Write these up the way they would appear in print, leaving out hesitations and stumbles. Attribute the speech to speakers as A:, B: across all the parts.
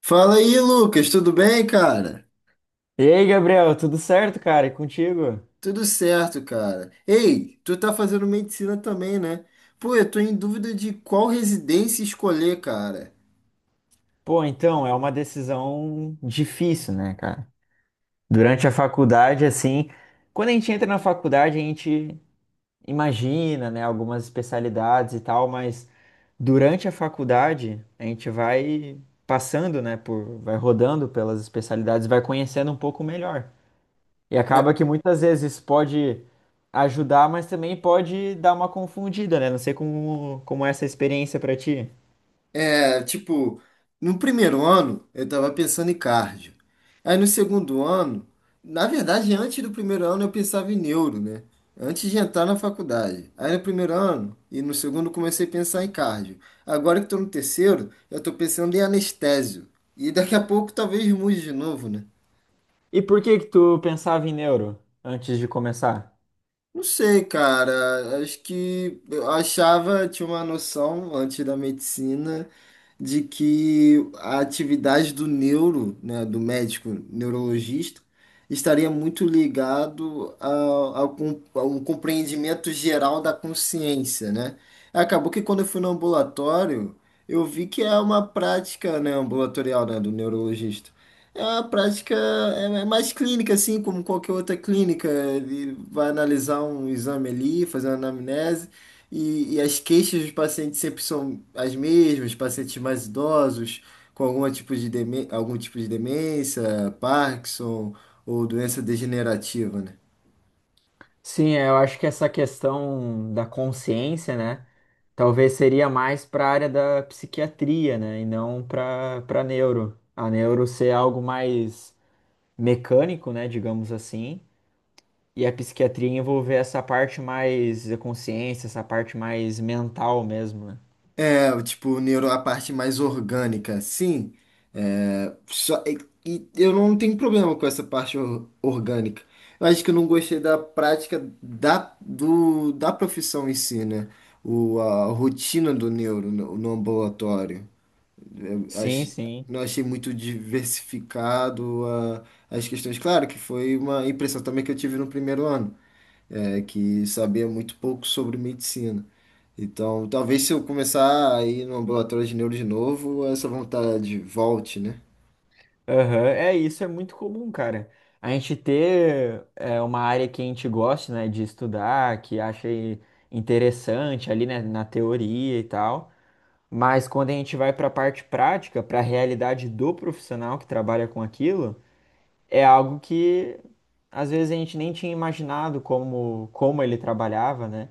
A: Fala aí, Lucas, tudo bem, cara?
B: E aí, Gabriel, tudo certo, cara? E contigo?
A: Tudo certo, cara. Ei, tu tá fazendo medicina também, né? Pô, eu tô em dúvida de qual residência escolher, cara.
B: Pô, então, é uma decisão difícil, né, cara? Durante a faculdade, assim, quando a gente entra na faculdade, a gente imagina, né, algumas especialidades e tal, mas durante a faculdade, a gente vai passando, né, vai rodando pelas especialidades, vai conhecendo um pouco melhor. E acaba que muitas vezes isso pode ajudar, mas também pode dar uma confundida, né? Não sei como é essa experiência pra ti.
A: É, tipo, no primeiro ano eu tava pensando em cardio. Aí no segundo ano, na verdade, antes do primeiro ano eu pensava em neuro, né? Antes de entrar na faculdade. Aí no primeiro ano e no segundo eu comecei a pensar em cardio. Agora que tô no terceiro, eu tô pensando em anestésio. E daqui a pouco talvez mude de novo, né?
B: E por que que tu pensava em neuro antes de começar?
A: Não sei, cara. Acho que eu achava, tinha uma noção antes da medicina de que a atividade do neuro, né, do médico neurologista, estaria muito ligado ao compreendimento geral da consciência, né? Acabou que quando eu fui no ambulatório, eu vi que é uma prática, né, ambulatorial, né, do neurologista. É uma prática é mais clínica, assim, como qualquer outra clínica. Ele vai analisar um exame ali, fazer uma anamnese, e as queixas dos pacientes sempre são as mesmas, pacientes mais idosos, com algum tipo de demência, Parkinson ou doença degenerativa, né?
B: Sim, é, eu acho que essa questão da consciência, né? Talvez seria mais para a área da psiquiatria, né? E não para neuro. A neuro ser algo mais mecânico, né? Digamos assim. E a psiquiatria envolver essa parte mais da consciência, essa parte mais mental mesmo, né?
A: É, tipo, neuro, a parte mais orgânica, sim. É, só, e eu não tenho problema com essa orgânica. Eu acho que eu não gostei da prática da profissão em si, né? A rotina do neuro no ambulatório.
B: Sim,
A: Ach-
B: sim.
A: não achei muito diversificado as questões. Claro que foi uma impressão também que eu tive no primeiro ano é, que sabia muito pouco sobre medicina. Então, talvez se eu começar a ir no ambulatório de neuro de novo, essa vontade volte, né?
B: Aham, é, isso é muito comum, cara. A gente ter uma área que a gente gosta, né, de estudar, que acha interessante ali, né, na teoria e tal. Mas quando a gente vai para a parte prática, para a realidade do profissional que trabalha com aquilo, é algo que às vezes a gente nem tinha imaginado como ele trabalhava, né?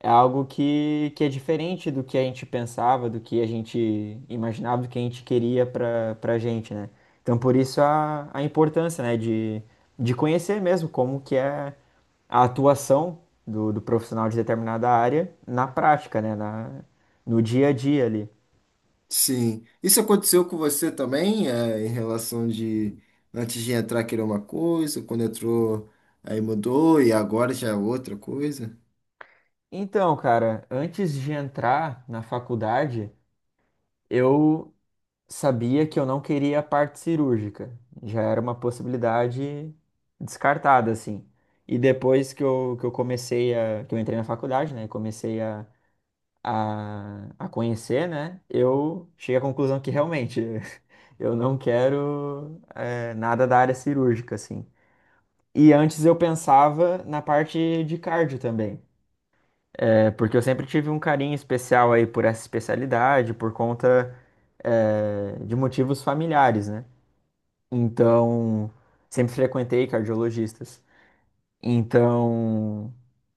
B: É algo que é diferente do que a gente pensava, do que a gente imaginava, do que a gente queria para gente, né? Então, por isso a importância, né, de conhecer mesmo como que é a atuação do profissional de determinada área na prática, né, no dia a dia ali.
A: Sim. Isso aconteceu com você também, é, em relação de antes de entrar querer uma coisa, quando entrou aí mudou e agora já é outra coisa?
B: Então, cara, antes de entrar na faculdade, eu sabia que eu não queria a parte cirúrgica. Já era uma possibilidade descartada, assim. E depois que eu comecei que eu entrei na faculdade, né, e comecei a conhecer, né, eu cheguei à conclusão que realmente eu não quero nada da área cirúrgica, assim. E antes eu pensava na parte de cardio também. É, porque eu sempre tive um carinho especial aí por essa especialidade, por conta, de motivos familiares, né? Então, sempre frequentei cardiologistas. Então,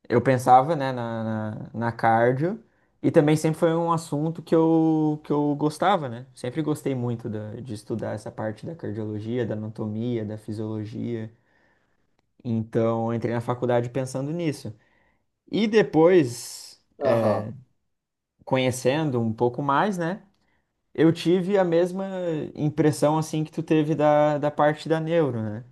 B: eu pensava, né, na cardio. E também sempre foi um assunto que eu gostava, né? Sempre gostei muito de estudar essa parte da cardiologia, da anatomia, da fisiologia. Então, eu entrei na faculdade pensando nisso. E depois,
A: Aham.
B: conhecendo um pouco mais, né? Eu tive a mesma impressão, assim, que tu teve da parte da neuro, né?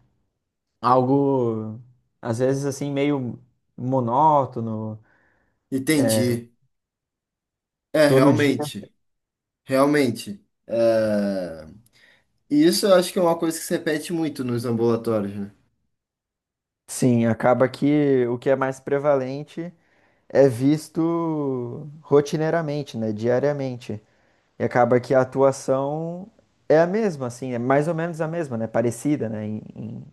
B: Algo às vezes assim meio monótono,
A: Entendi. É,
B: todo dia.
A: realmente, realmente. É, e isso eu acho que é uma coisa que se repete muito nos ambulatórios, né?
B: Sim, acaba que o que é mais prevalente é visto rotineiramente, né, diariamente. E acaba que a atuação é a mesma, assim, é mais ou menos a mesma, né, parecida, né,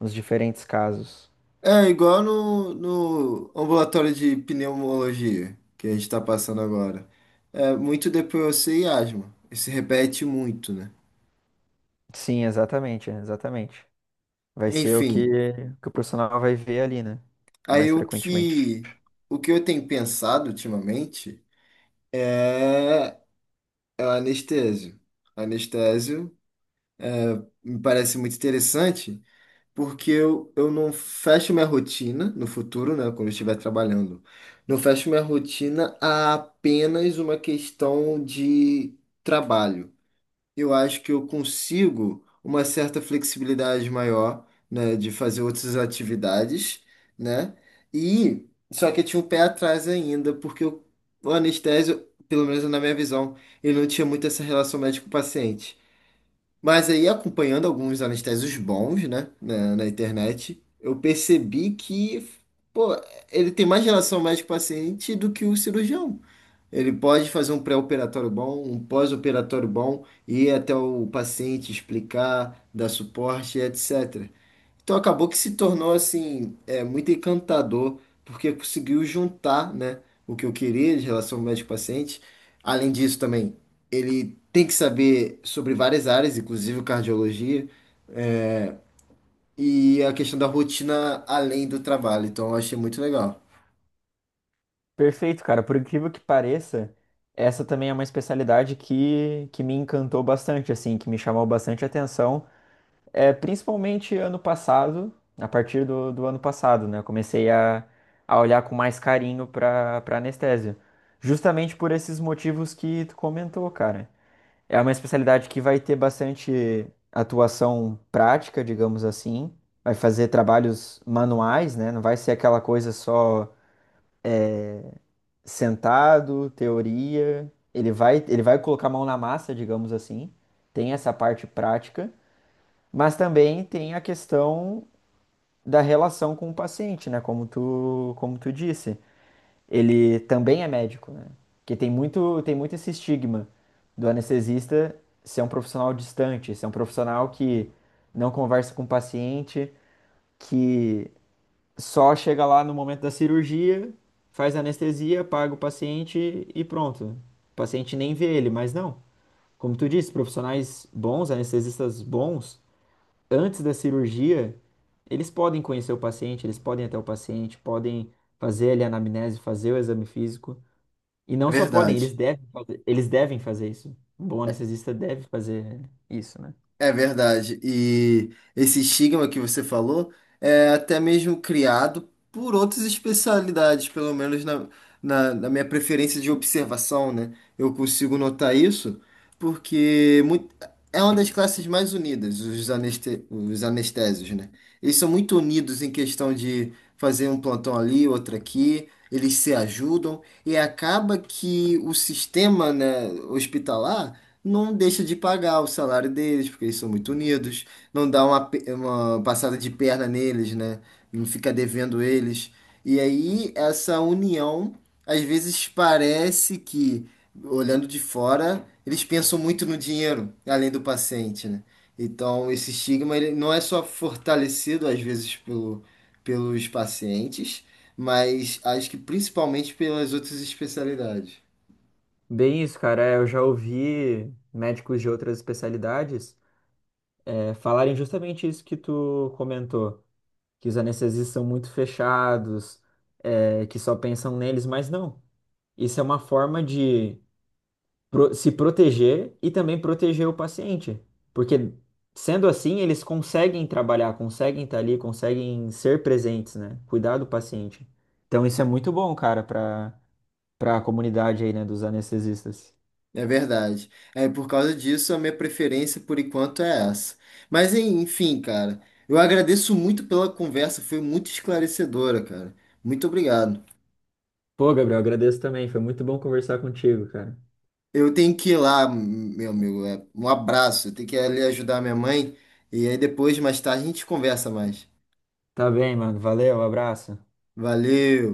B: nos diferentes casos.
A: É igual no ambulatório de pneumologia que a gente está passando agora. É muito DPOC e asma. Isso repete muito, né?
B: Sim, exatamente, é, exatamente. Vai ser o
A: Enfim,
B: que, que o profissional vai ver ali, né,
A: aí
B: mais
A: o
B: frequentemente.
A: que, o que eu tenho pensado ultimamente é, é o anestésio. Anestésio me parece muito interessante, porque eu não fecho minha rotina no futuro, né, quando eu estiver trabalhando. Não fecho minha rotina a apenas uma questão de trabalho. Eu acho que eu consigo uma certa flexibilidade maior, né, de fazer outras atividades, né? E só que eu tinha um pé atrás ainda, o anestésio, pelo menos na minha visão, ele não tinha muito essa relação médico-paciente. Mas aí, acompanhando alguns anestésicos bons, né, na internet, eu percebi que, pô, ele tem mais relação médico-paciente do que o cirurgião. Ele pode fazer um pré-operatório bom, um pós-operatório bom, ir até o paciente, explicar, dar suporte, etc. Então acabou que se tornou assim, é, muito encantador, porque conseguiu juntar, né, o que eu queria de relação ao médico-paciente. Além disso também, ele tem que saber sobre várias áreas, inclusive cardiologia, e a questão da rotina além do trabalho. Então eu achei muito legal.
B: Perfeito, cara. Por incrível que pareça, essa também é uma especialidade que me encantou bastante, assim, que me chamou bastante atenção. É, principalmente ano passado, a partir do ano passado, né? Eu comecei a olhar com mais carinho para anestesia. Justamente por esses motivos que tu comentou, cara. É uma especialidade que vai ter bastante atuação prática, digamos assim. Vai fazer trabalhos manuais, né? Não vai ser aquela coisa só sentado, teoria. Ele vai colocar a mão na massa, digamos assim. Tem essa parte prática, mas também tem a questão da relação com o paciente, né? Como tu disse. Ele também é médico, né? Porque tem muito esse estigma do anestesista ser um profissional distante, ser um profissional que não conversa com o paciente, que só chega lá no momento da cirurgia, faz anestesia, paga o paciente e pronto. O paciente nem vê ele, mas não. Como tu disse, profissionais bons, anestesistas bons, antes da cirurgia, eles podem conhecer o paciente, eles podem ir até o paciente, podem fazer ali a anamnese, fazer o exame físico. E não
A: É
B: só podem,
A: verdade.
B: eles devem fazer isso. Um bom anestesista deve fazer isso, né?
A: É verdade. E esse estigma que você falou é até mesmo criado por outras especialidades, pelo menos na minha preferência de observação, né? Eu consigo notar isso porque muito, é uma das classes mais unidas, os anestésios, né? Eles são muito unidos em questão de fazer um plantão ali, outro aqui, eles se ajudam e acaba que o sistema, né, hospitalar não deixa de pagar o salário deles, porque eles são muito unidos, não dá uma passada de perna neles, né? Não fica devendo eles. E aí, essa união, às vezes parece que, olhando de fora, eles pensam muito no dinheiro, além do paciente, né? Então, esse estigma ele não é só fortalecido, às vezes, pelos pacientes, mas acho que principalmente pelas outras especialidades.
B: Bem isso, cara. É, eu já ouvi médicos de outras especialidades falarem justamente isso que tu comentou, que os anestesistas são muito fechados, é, que só pensam neles, mas não. Isso é uma forma de se proteger e também proteger o paciente, porque sendo assim, eles conseguem trabalhar, conseguem estar ali, conseguem ser presentes, né? Cuidar do paciente. Então isso é muito bom, cara, para a comunidade aí, né, dos anestesistas.
A: É verdade. É por causa disso a minha preferência por enquanto é essa. Mas enfim, cara, eu agradeço muito pela conversa, foi muito esclarecedora, cara. Muito obrigado.
B: Pô, Gabriel, agradeço também, foi muito bom conversar contigo, cara.
A: Eu tenho que ir lá, meu amigo. Um abraço. Eu tenho que ir ali ajudar minha mãe e aí depois mais tarde a gente conversa mais.
B: Tá bem, mano. Valeu, abraço.
A: Valeu.